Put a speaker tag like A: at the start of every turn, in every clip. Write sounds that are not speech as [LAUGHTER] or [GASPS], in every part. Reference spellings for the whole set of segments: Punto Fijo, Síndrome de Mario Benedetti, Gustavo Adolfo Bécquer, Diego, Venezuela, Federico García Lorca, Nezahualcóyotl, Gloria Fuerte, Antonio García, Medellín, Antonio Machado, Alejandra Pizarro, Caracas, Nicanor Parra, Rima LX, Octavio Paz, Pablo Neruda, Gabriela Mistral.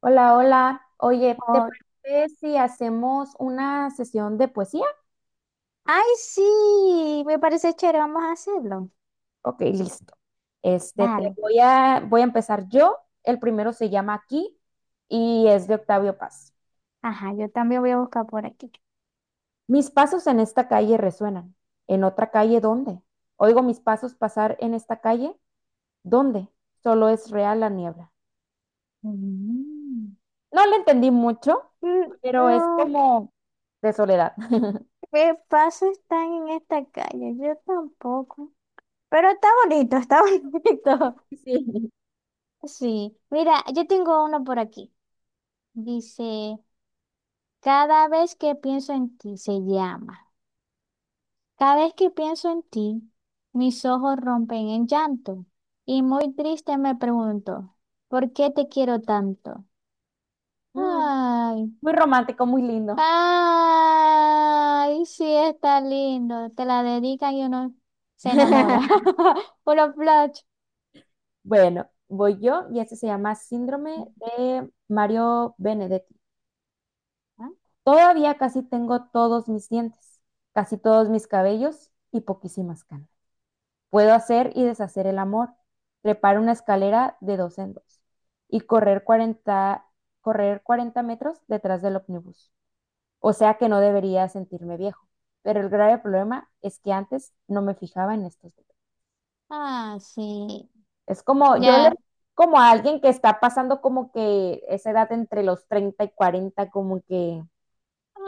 A: Hola, hola. Oye, ¿te
B: Oh,
A: parece si hacemos una sesión de poesía?
B: ay, sí, me parece chévere, vamos a hacerlo.
A: Ok, listo. Este,
B: Dale.
A: voy a empezar yo. El primero se llama Aquí y es de Octavio Paz.
B: Ajá, yo también voy a buscar por aquí.
A: Mis pasos en esta calle resuenan. ¿En otra calle dónde? Oigo mis pasos pasar en esta calle. ¿Dónde? Solo es real la niebla.
B: Mm.
A: No le entendí mucho,
B: Mm,
A: pero es
B: no,
A: como de soledad. [LAUGHS]
B: ¿qué paso están en esta calle? Yo tampoco. Pero está bonito, está [LAUGHS] bonito.
A: Sí.
B: Sí, mira, yo tengo uno por aquí. Dice, cada vez que pienso en ti, se llama. Cada vez que pienso en ti, mis ojos rompen en llanto. Y muy triste me pregunto, ¿por qué te quiero tanto?
A: Mm,
B: Ay,
A: muy romántico, muy lindo.
B: ay, sí está lindo. Te la dedican y uno se enamora.
A: [LAUGHS]
B: [LAUGHS] Puro flash.
A: Bueno, voy yo y este se llama Síndrome de Mario Benedetti.
B: Ah,
A: Todavía casi tengo todos mis dientes, casi todos mis cabellos y poquísimas canas. Puedo hacer y deshacer el amor, trepar una escalera de dos en dos y correr 40 metros detrás del ómnibus. O sea que no debería sentirme viejo, pero el grave problema es que antes no me fijaba en estos detalles.
B: ah, sí.
A: Es como, yo le
B: Ya.
A: como a alguien que está pasando como que esa edad entre los 30 y cuarenta como que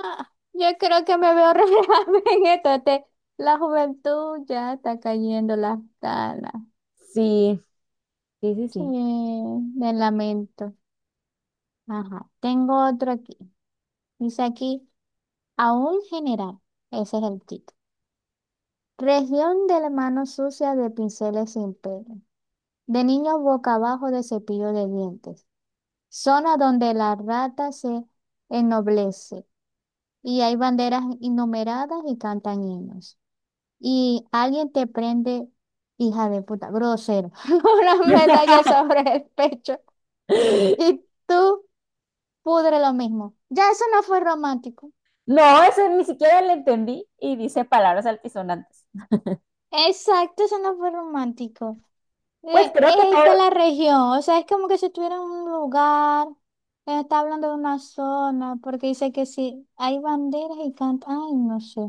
B: Ah, yo creo que me veo reflejada [LAUGHS] en esto. La juventud ya está cayendo las canas.
A: sí, sí, sí,
B: Sí,
A: sí.
B: me lamento. Ajá. Tengo otro aquí. Dice aquí, a un general. Ese es el título. Región de la mano sucia de pinceles sin pelo, de niños boca abajo de cepillo de dientes, zona donde la rata se ennoblece y hay banderas innumeradas y cantan himnos. Y alguien te prende, hija de puta, grosero, [LAUGHS] una medalla sobre el pecho y
A: [GASPS] [LAUGHS]
B: tú pudre lo mismo. Ya eso no fue romántico.
A: No, eso ni siquiera le entendí y dice palabras altisonantes.
B: Exacto, eso no fue romántico.
A: Pues
B: Eh,
A: creo que todo,
B: Esta es la región, o sea, es como que si estuviera en un lugar. Ella está hablando de una zona, porque dice que si hay banderas y canta, ay, no sé.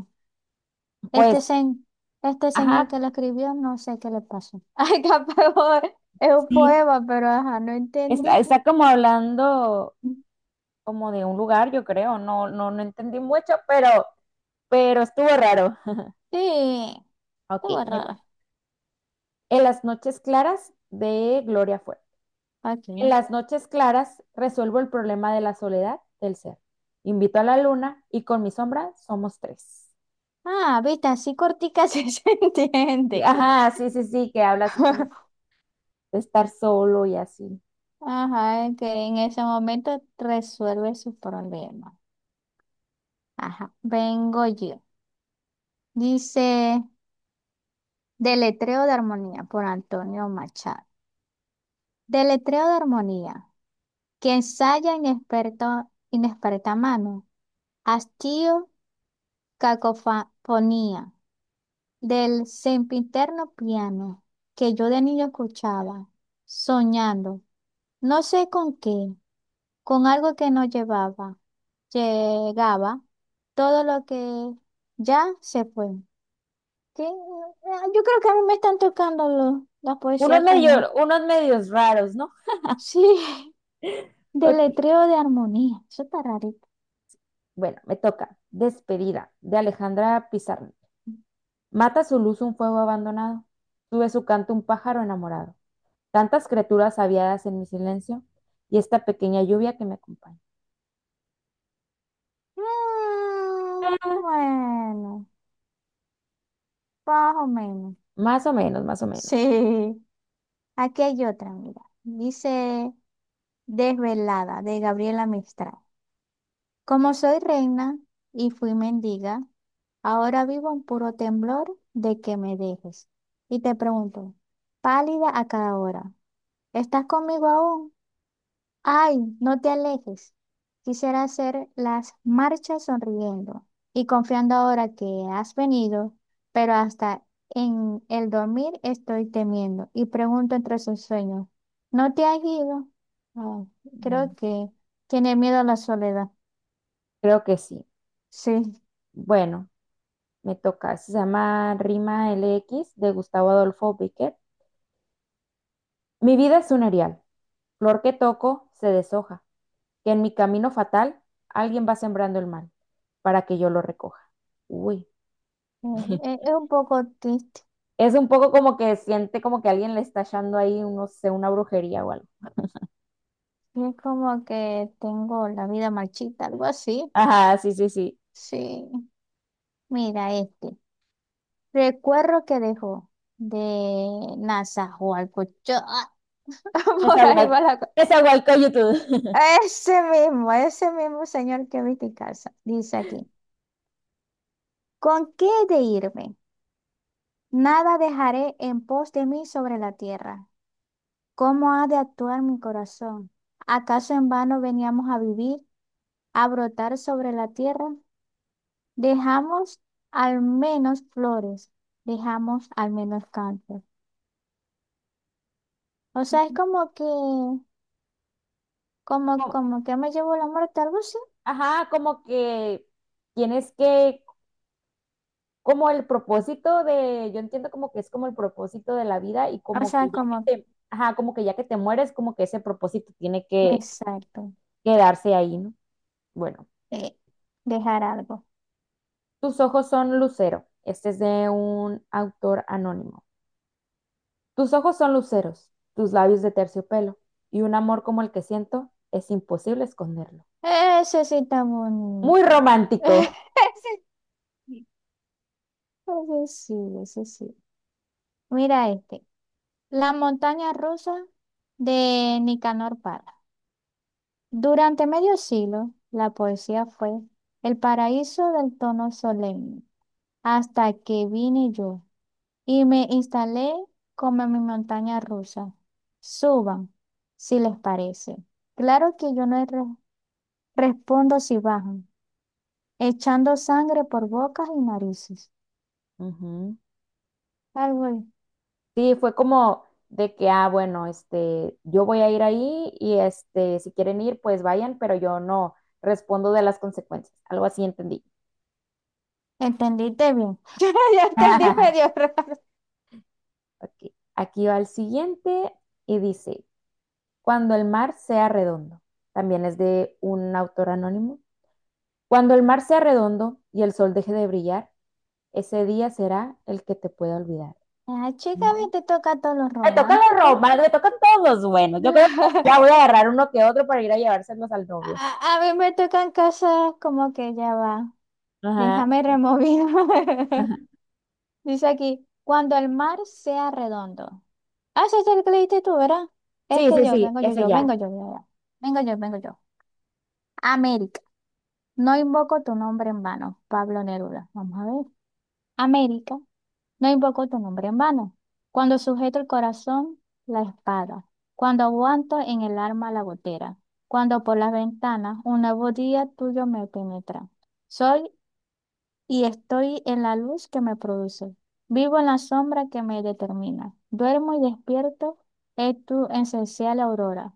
B: Este,
A: pues,
B: este señor
A: ajá,
B: que lo escribió, no sé qué le pasó. [LAUGHS] Ay, capaz es un
A: sí,
B: poema, pero ajá, no entendí.
A: está, está como hablando como de un lugar, yo creo, no, no, no entendí mucho, pero estuvo raro.
B: Sí,
A: Ok,
B: estuvo raro.
A: en las noches claras de Gloria Fuerte. En
B: Ok.
A: las noches claras resuelvo el problema de la soledad del ser. Invito a la luna y con mi sombra somos tres.
B: Ah, viste, así cortica sí se [LAUGHS] entiende.
A: Ajá, sí, sí, sí, que habla así como
B: [LAUGHS]
A: de estar solo y así.
B: Ajá, es que en ese momento resuelve sus problemas. Ajá, vengo yo. Dice, Deletreo de Armonía por Antonio Machado. Deletreo de armonía, que ensaya inexperto, inexperta mano, hastío, cacofonía, del sempiterno piano, que yo de niño escuchaba, soñando, no sé con qué, con algo que no llevaba, llegaba, todo lo que ya se fue. Que, yo creo que a mí me están tocando la
A: Unos
B: poesía
A: medio,
B: como,
A: unos medios raros, ¿no?
B: sí, [LAUGHS]
A: Ok,
B: deletreo de armonía, eso está rarito.
A: bueno, me toca. Despedida de Alejandra Pizarro. Mata su luz un fuego abandonado. Sube su canto un pájaro enamorado. Tantas criaturas aviadas en mi silencio y esta pequeña lluvia que me acompaña.
B: Mm,
A: Ah,
B: bueno, más o menos.
A: más o menos, más o menos.
B: Sí. Aquí hay otra, mira. Dice Desvelada, de Gabriela Mistral. Como soy reina y fui mendiga, ahora vivo en puro temblor de que me dejes. Y te pregunto, pálida a cada hora, ¿estás conmigo aún? Ay, no te alejes. Quisiera hacer las marchas sonriendo y confiando ahora que has venido, pero hasta en el dormir estoy temiendo y pregunto entre sus sueños, ¿no te has ido? Ay, creo
A: Mm.
B: que tiene miedo a la soledad.
A: Creo que sí.
B: Sí,
A: Bueno, me toca. Se llama Rima LX de Gustavo Adolfo Bécquer. Mi vida es un erial, flor que toco se deshoja, que en mi camino fatal alguien va sembrando el mal para que yo lo recoja. Uy,
B: es, es un poco triste.
A: es un poco como que siente como que alguien le está echando ahí, no sé, una brujería o algo.
B: Es como que tengo la vida marchita, algo así.
A: Ajá, sí, sí, sí.
B: Sí, mira este. Recuerdo que dejó de Nazahualcóyotl. [LAUGHS] Por ahí
A: Nezahual-
B: va la cosa.
A: Nezahualcóyotl.
B: Ese mismo señor que vi en casa. Dice aquí: ¿Con qué he de irme? Nada dejaré en pos de mí sobre la tierra. ¿Cómo ha de actuar mi corazón? ¿Acaso en vano veníamos a vivir, a brotar sobre la tierra? Dejamos al menos flores, dejamos al menos cantos. O sea, es
A: [LAUGHS]
B: como que. Como,
A: Como-
B: como que me llevó la muerte, algo así.
A: Ajá, como que tienes que como el propósito de, yo entiendo como que es como el propósito de la vida y
B: O
A: como
B: sea,
A: que ya
B: como,
A: que te, ajá, como que ya que te mueres, como que ese propósito tiene que
B: exacto.
A: quedarse ahí, ¿no? Bueno,
B: eh, Dejar algo.
A: tus ojos son lucero. Este es de un autor anónimo. Tus ojos son luceros, tus labios de terciopelo y un amor como el que siento es imposible esconderlo.
B: Ese sí está
A: Muy
B: bonito.
A: romántico.
B: [LAUGHS] Ese sí, ese sí, ese sí. Mira este. La montaña rusa de Nicanor Parra. Durante medio siglo, la poesía fue el paraíso del tono solemne. Hasta que vine yo. Y me instalé como en mi montaña rusa. Suban, si les parece. Claro que yo no respondo si bajan, echando sangre por bocas y narices.
A: Ujú.
B: Algo ahí.
A: Sí, fue como de que, ah, bueno, este, yo voy a ir ahí y este, si quieren ir, pues vayan, pero yo no respondo de las consecuencias. Algo así entendí.
B: ¿Entendiste bien? [LAUGHS] Yo entendí
A: [LAUGHS]
B: medio raro.
A: Ok, aquí va el siguiente y dice, cuando el mar sea redondo, también es de un autor anónimo. Cuando el mar sea redondo y el sol deje de brillar, ese día será el que te pueda olvidar.
B: Ah, chica, a
A: Mm.
B: mí te toca todos los
A: Me tocan los
B: románticos.
A: romanos, me tocan todos los buenos. Yo creo que ya voy a
B: [LAUGHS]
A: agarrar uno que otro para ir a llevárselos al novio.
B: A, a mí me tocan cosas como que ya va.
A: Ajá.
B: Déjame remover. [LAUGHS]
A: Ajá.
B: Dice aquí, cuando el mar sea redondo. Ah, ese es el que leíste tú, ¿verdad?
A: Sí,
B: Este
A: sí,
B: yo,
A: sí,
B: vengo yo,
A: ese
B: yo,
A: ya.
B: vengo yo, yo, yo. Vengo yo, vengo yo. América, no invoco tu nombre en vano, Pablo Neruda. Vamos a ver. América, no invoco tu nombre en vano. Cuando sujeto el corazón, la espada. Cuando aguanto en el arma la gotera. Cuando por las ventanas un nuevo día tuyo me penetra. Soy y estoy en la luz que me produce. Vivo en la sombra que me determina. Duermo y despierto, es tu esencial aurora.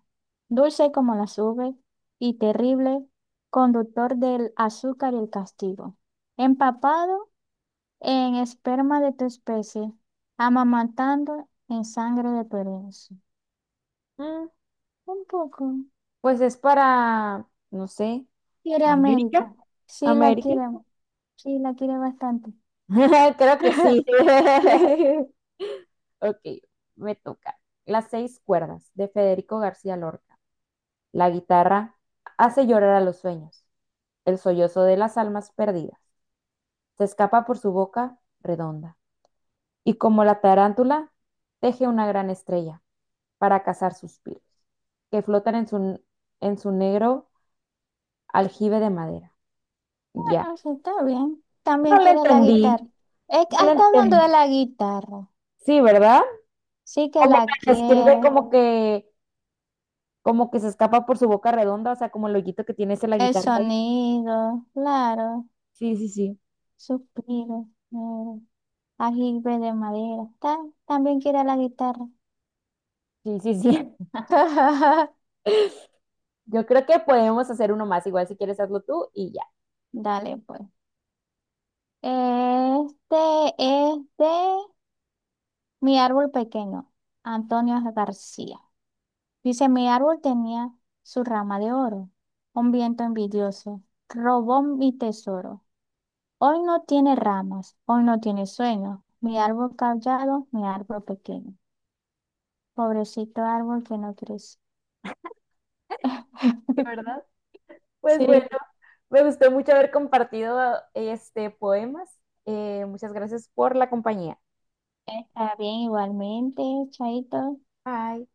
B: Dulce como las nubes y terrible, conductor del azúcar y el castigo. Empapado en esperma de tu especie, amamantando en sangre de tu herencia.
A: Mm,
B: Un poco.
A: pues es para, no sé,
B: Quiere
A: América.
B: América. Sí la
A: América.
B: quiere, sí la quiere bastante.
A: [LAUGHS] Creo que sí.
B: [LAUGHS]
A: [LAUGHS]
B: Sí.
A: Ok, me toca. Las seis cuerdas de Federico García Lorca. La guitarra hace llorar a los sueños, el sollozo de las almas perdidas. Se escapa por su boca redonda y como la tarántula teje una gran estrella para cazar suspiros que flotan en su negro aljibe de madera. Ya.
B: Ah, sí, está bien.
A: No
B: También
A: le
B: quiere la
A: entendí,
B: guitarra.
A: no
B: Ah,
A: le
B: está hablando de
A: entendí.
B: la guitarra.
A: Sí, ¿verdad?
B: Sí que
A: Como
B: la
A: que
B: quiere.
A: escribe como que se escapa por su boca redonda, o sea, como el hoyito que tiene ese la
B: El
A: guitarra ahí.
B: sonido, claro.
A: Sí, sí, sí,
B: Suspiro. Ajibe de madera. Está, también quiere la guitarra.
A: sí, sí, sí.
B: [LAUGHS]
A: [LAUGHS] Yo creo que podemos hacer uno más, igual si quieres hazlo tú y ya.
B: Dale, pues. Este es de Mi árbol pequeño, Antonio García. Dice, mi árbol tenía su rama de oro, un viento envidioso, robó mi tesoro. Hoy no tiene ramas, hoy no tiene sueño. Mi árbol callado, mi árbol pequeño. Pobrecito árbol que no crece.
A: Sí,
B: [LAUGHS]
A: ¿verdad? Pues bueno,
B: Sí.
A: me gustó mucho haber compartido este poemas. Muchas gracias por la compañía.
B: Está bien, igualmente, Chaito.
A: Bye.